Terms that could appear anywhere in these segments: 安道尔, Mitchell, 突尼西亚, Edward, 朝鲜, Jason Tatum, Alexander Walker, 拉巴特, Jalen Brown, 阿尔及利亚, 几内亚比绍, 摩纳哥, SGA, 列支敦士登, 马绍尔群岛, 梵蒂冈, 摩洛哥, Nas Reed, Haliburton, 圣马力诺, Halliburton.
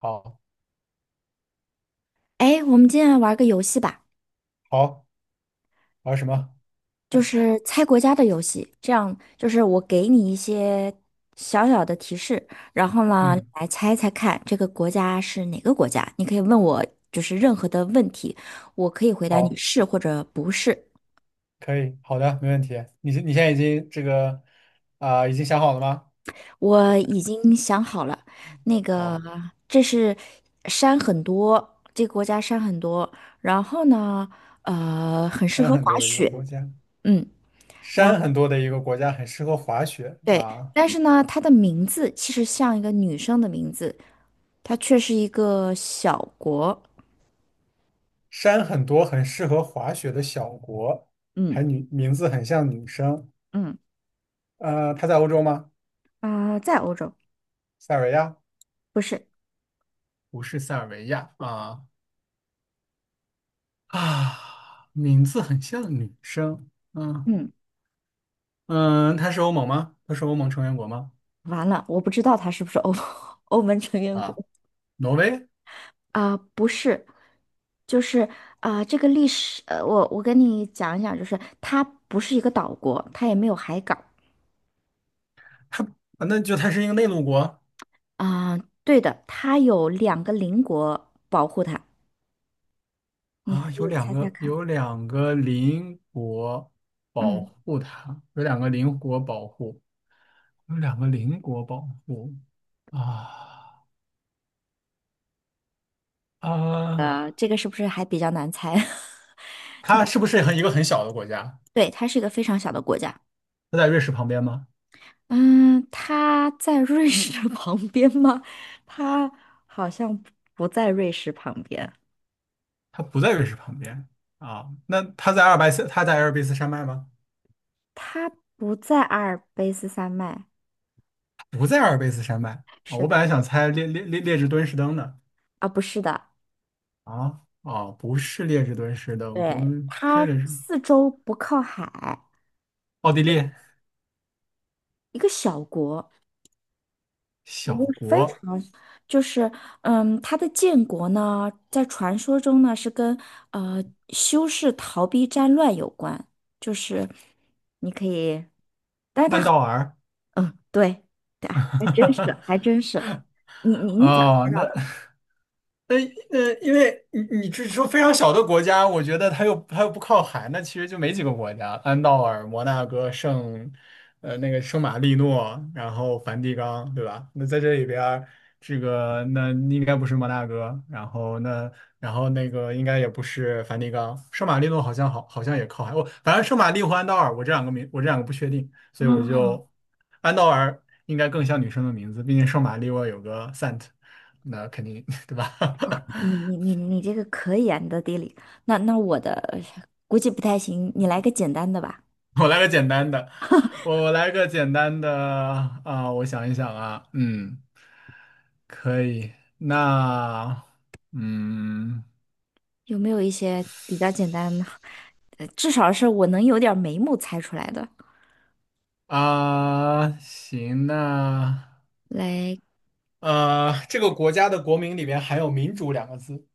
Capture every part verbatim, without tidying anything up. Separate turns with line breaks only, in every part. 好，
哎，我们今天来玩个游戏吧，
好，玩什么？
就是猜国家的游戏。这样就是我给你一些小小的提示，然后呢，你
嗯，
来猜猜看这个国家是哪个国家。你可以问我就是任何的问题，我可以回答你
好，
是或者不是。
可以，好的，没问题。你现你现在已经这个啊、已经想好了吗？
我已经想好了，那个
好，
这是山很多，这个国家山很多，然后呢，呃，很适
山
合
很
滑
多的一个
雪。
国家，
嗯。然。
山很多的一个国家很适合滑雪
对，
啊，
但是呢，它的名字其实像一个女生的名字，它却是一个小国。
山很多很适合滑雪的小国，
嗯
还女名字很像女生。
嗯
呃，它在欧洲吗？
啊、在欧洲，
塞尔维亚？
不是。
不是塞尔维亚啊啊，名字很像女生。嗯
嗯，
嗯，它是欧盟吗？它是欧盟成员国吗？
完了，我不知道它是不是欧 欧盟成员国
啊。挪威，
啊、不是，就是啊、这个历史，呃，我我跟你讲一讲，就是它不是一个岛国，它也没有海港
它啊那就它是一个内陆国。
啊、对的，它有两个邻国保护它，你
啊，
可
有
以
两
猜猜
个
看。
有两个邻国保
嗯，
护它，有两个邻国保护，有两个邻国保护啊啊，
呃，这个是不是还比较难猜？
它是不是很一个很小的国家？
对，它是一个非常小的国家。
它在瑞士旁边吗？
嗯，它在瑞士的 旁边吗？它好像不在瑞士旁边，
它不在瑞士旁边。啊，那它在阿尔卑斯，它在阿尔卑斯山脉吗？
它不在阿尔卑斯山脉。
不在阿尔卑斯山脉。啊，
是
我本
的，
来想猜列列列列支敦士登的。
啊，不是的，
啊。啊，不是列支敦士登，不
对，
是
它
列支，
四周不靠海，
奥地利，
一个小国，一个
小
非常
国，
就是，嗯，它的建国呢，在传说中呢是跟呃修士逃避战乱有关，就是你可以。
安道尔。
嗯，对，对，还真是，还真是。你你你咋
哦，
猜
那
到的？
呃呃，因为你你只说非常小的国家，我觉得它又它又不靠海，那其实就没几个国家：安道尔、摩纳哥、圣，呃，那个圣马力诺，然后梵蒂冈，对吧？那在这里边儿，这个那应该不是摩纳哥，然后那然后那个应该也不是梵蒂冈，圣马力诺好像好好像也靠海，我反正圣马力和安道尔，我这两个名我这两个不确定，所以我
啊，
就安道尔应该更像女生的名字，毕竟圣马力诺有个 Sant。那肯定 对吧？
你你 你你这个可以啊，你的地理。那那我的估计不太行，你来个简单的吧。
我来个简单的，我我来个简单的啊，我想一想啊，嗯，可以，那嗯
有没有一些比较简单的？呃至少是我能有点儿眉目猜出来的。
啊，行，那
来，
呃，这个国家的国名里边含有"民主"两个字。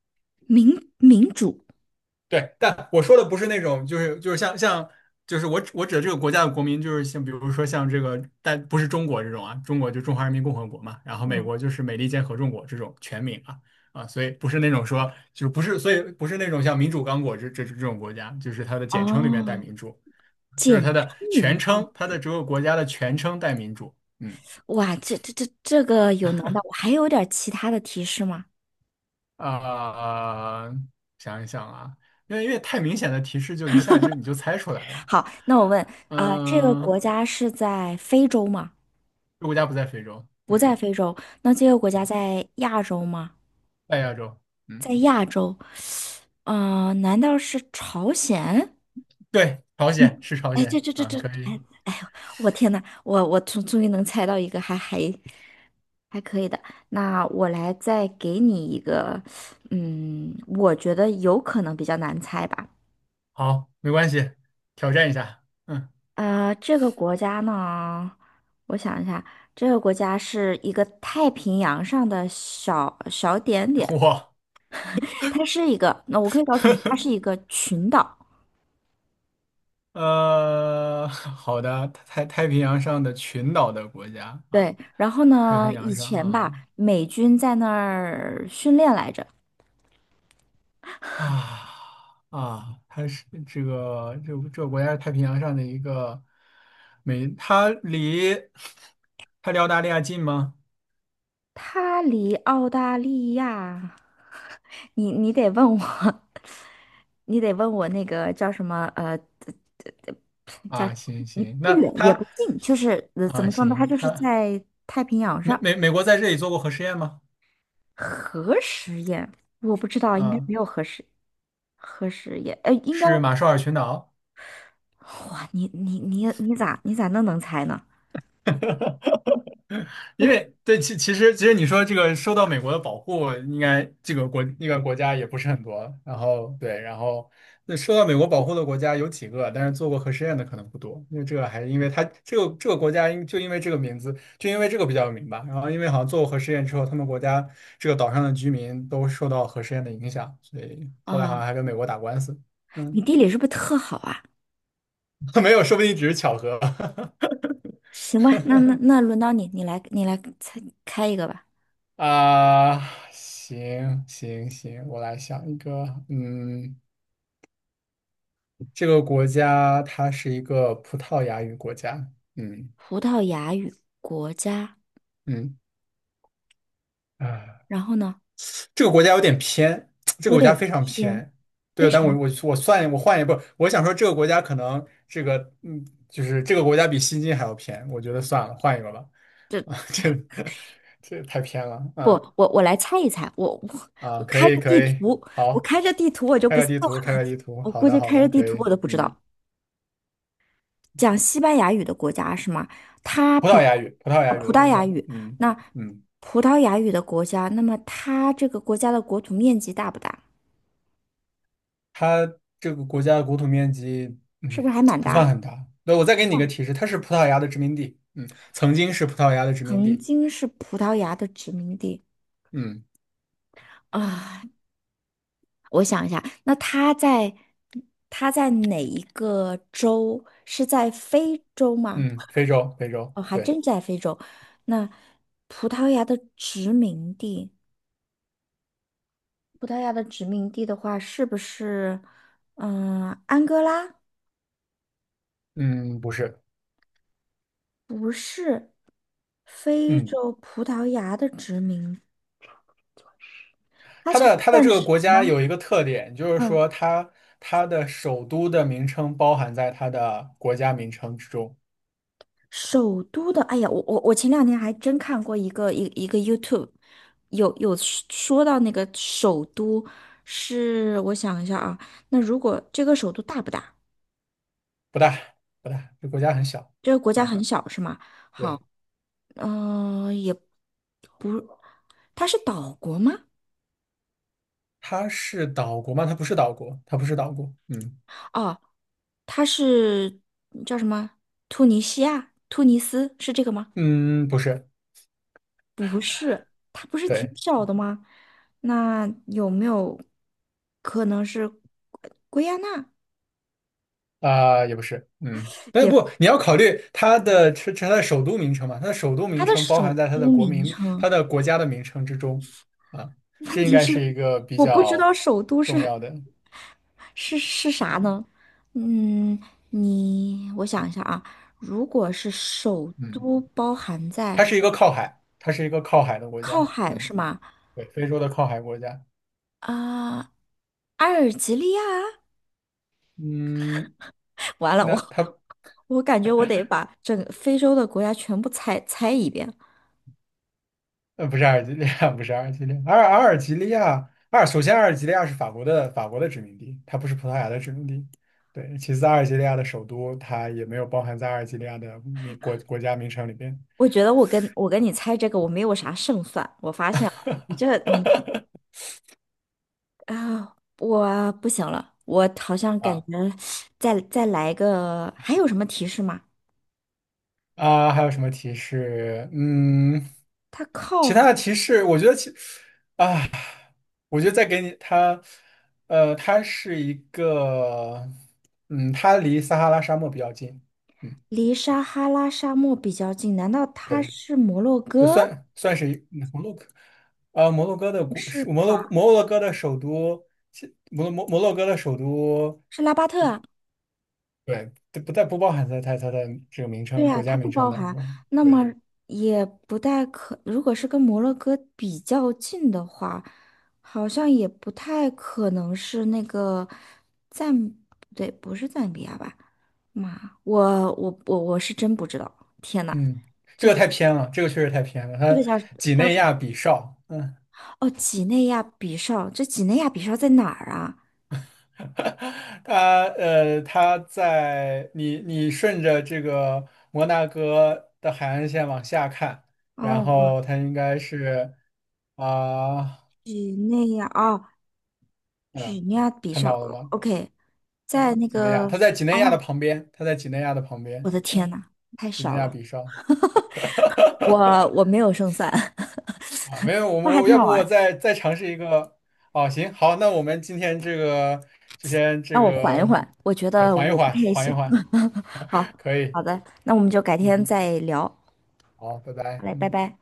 民民主，
对，但我说的不是那种，就是就是像像，就是我指我指的这个国家的国民，就是像比如说像这个，但不是中国这种啊，中国就中华人民共和国嘛，然后美
嗯，
国就是美利坚合众国这种全名啊啊，所以不是那种说就是不是，所以不是那种像民主刚果这这这种国家，就是它的简称里面带
哦，
民主，就是
简
它
称
的全
明
称，它的这个国家的全称带民主。嗯
哇，这这这这个有难道我还有点儿其他的提示吗？
啊、想一想啊，因为因为太明显的提示就一下就你就猜出来了。
好，那我问，啊、这个
嗯，
国家是在非洲吗？
这国家不在非洲，
不在
嗯，
非洲，那这个国家在亚洲吗？
在亚洲，嗯，
在亚洲，嗯、呃难道是朝鲜？
对，朝鲜是朝
哎，这
鲜
这这
啊，
这，
可以。
哎哎呦，我天呐，我我终终于能猜到一个还还还可以的。那我来再给你一个，嗯，我觉得有可能比较难猜吧。
好，没关系，挑战一下，嗯，
呃，这个国家呢，我想一下，这个国家是一个太平洋上的小小点点。
我，
它是一个，那我可以告诉你，它是一个群岛。
呃，好的，太太平洋上的群岛的国家啊，
对，然后
太平
呢，以
洋上，
前吧，
嗯。
美军在那儿训练来着。
啊啊，它是这个这这个国家是太平洋上的一个美，它离 它离澳大利亚近吗？
它离澳大利亚，你你得问我，你得问我那个叫什么呃，叫
啊，
什么
行
你
行，
不
那
远也
它
不近，就是呃怎
啊
么说呢？它
行，
就是
它。
在太平洋
美
上。
美美国在这里做过核试验吗？
核实验，我不知道，应该
啊，
没有核实核实验，呃，应该。
是马绍尔群岛。
哇，你你你你咋你咋那能猜呢？
因为对，其其实其实你说这个受到美国的保护，应该这个国那个国家也不是很多。然后对，然后那受到美国保护的国家有几个，但是做过核试验的可能不多。因为这个还因为它这个这个国家因就因为这个名字，就因为这个比较有名吧。然后因为好像做过核试验之后，他们国家这个岛上的居民都受到核试验的影响，所以后来好
啊，
像还跟美国打官司。
你
嗯，
地理是不是特好啊？
没有，说不定只是巧合。
行吧，那那那轮到你，你来你来猜开一个吧。
啊，行行行，我来想一个，嗯，这个国家它是一个葡萄牙语国家。嗯
葡萄牙语国家，
嗯，啊，
然后呢，
这个国家有点偏，这个
有
国家
点
非常
偏，
偏，
非
对，但我
常
我我算我换一步，我想说这个国家可能这个嗯，就是这个国家比西京还要偏，我觉得算了，换一个吧。
这
啊，这这太偏了，
不，
嗯。
我我来猜一猜，我我
啊，
我
可
开
以
着地
可以，
图，我
好，
开着地图我就
开
不
个
信
地图，开
了，
个地图，
我
好
估
的
计
好
开着
的，
地
可
图我
以，
都不知
嗯。
道。讲西班牙语的国家是吗？它
葡萄
比
牙语，葡萄牙
啊
语
葡
的
萄
国家，
牙语，
嗯
那
嗯，
葡萄牙语的国家，那么它这个国家的国土面积大不大？
它这个国家的国土面积，
是
嗯，
不是还蛮
不
大
算
的？
很大。那我再给你一个
嗯
提示，它是葡萄牙的殖民地，嗯，曾经是葡萄牙的殖民
曾
地，
经是葡萄牙的殖民地
嗯
啊，我想一下，那它在它在哪一个州？是在非洲吗？
嗯，非洲，非洲，
哦，还
对。
真在非洲。那葡萄牙的殖民地。葡萄牙的殖民地的话，是不是嗯安哥拉？
嗯，不是，
不是，非
嗯，
洲葡萄牙的殖民，
它的它的
但
这个
是
国家有一个特点，就是
嗯，
说它它的首都的名称包含在它的国家名称之中。
首都的，哎呀，我我我前两天还真看过一个一一个 YouTube，有有说说到那个首都是，我想一下啊，那如果这个首都大不大？
不大不大，这国家很小，
这个国家
啊，
很小是吗？好，
对。
嗯、也不，它是岛国吗？
它是岛国吗？它不是岛国，它不是岛国，嗯。
哦，他是叫什么？突尼西亚、突尼斯是这个吗？
嗯，不是，
它不是挺
对，
小的吗？那有没有可能是圭圭亚那？
啊、也不是，嗯，但是
也，
不，你要考虑它的成是它的首都名称嘛，它的首都名
它的
称包含
首
在它的
都
国
名
民、
称，
它的国家的名称之中。啊，这
问
应
题
该
是
是一个比
我不知
较
道首都
重
是
要的，
是是啥
嗯。
呢？嗯，你我想一下啊，如果是首
嗯
都包含在
它是一个靠海，它是一个靠海的国
靠
家，
海是
嗯，
吗？
对，非洲的靠海国家，
啊、阿尔及利亚。
嗯，
完了，我
那它
我感觉我得把整个非洲的国家全部猜猜一遍。
呃，不是阿尔及利亚。不是阿尔及利亚，阿尔阿尔及利亚，阿尔首先阿尔及利亚是法国的法国的殖民地，它不是葡萄牙的殖民地。对，其次阿尔及利亚的首都它也没有包含在阿尔及利亚的名国国家名称里边。
我觉得我跟我跟你猜这个我没有啥胜算，我发现了，你这你啊，我不行了，我好像感觉
啊
再再来一个，还有什么提示吗？
啊，还有什么提示？嗯，
它靠
其他
海
的提示，我觉得其我觉得再给你它，呃，它是一个，嗯，它离撒哈拉沙漠比较近，嗯，
离撒哈拉沙漠比较近，难道它
对。
是摩洛
就
哥？
算算是一摩洛哥。啊，摩洛哥的
不
国，
是
是摩
吧？
洛摩洛哥的首都，其摩摩摩洛哥的首都，
是拉巴特啊？
对，这不在不包含在它它的这个名
对
称
呀，
国
它
家名
不
称
包
当
含，
中。
那么
对，
也不太可，如果是跟摩洛哥比较近的话，好像也不太可能是那个赞，不对，不是赞比亚吧？妈，我我我我是真不知道，天呐，
嗯，这个太偏了，这个确实太偏了。它几
叫
内
什
亚
么？
比绍，嗯。
哦，几内亚比绍，这几内亚比绍在哪儿啊？
它呃，它在你你顺着这个摩纳哥的海岸线往下看，然
哦，哇，
后它应该是啊，
几内亚，哦，
嗯，
几内亚比
看
绍
到了
哦
吗？
，OK，在
嗯，
那
几内亚，
个，
他在几内亚的
哦，
旁边，他在几内亚的旁
我
边，
的天
嗯，
呐，太
几内
小
亚
了。
比绍。
我我没有胜算，
啊，没有，
那
我
还
我
挺
要
好
不
玩
我
儿
再再尝试一个。哦，行，好，那我们今天这个就先这
让我缓一
个，
缓，我觉
对
得
缓一
我不
缓，
太
缓一
行。
缓，
好，
可以，
好的，那我们就改天
嗯，
再聊，好
好，拜拜。
嘞，拜
嗯。
拜。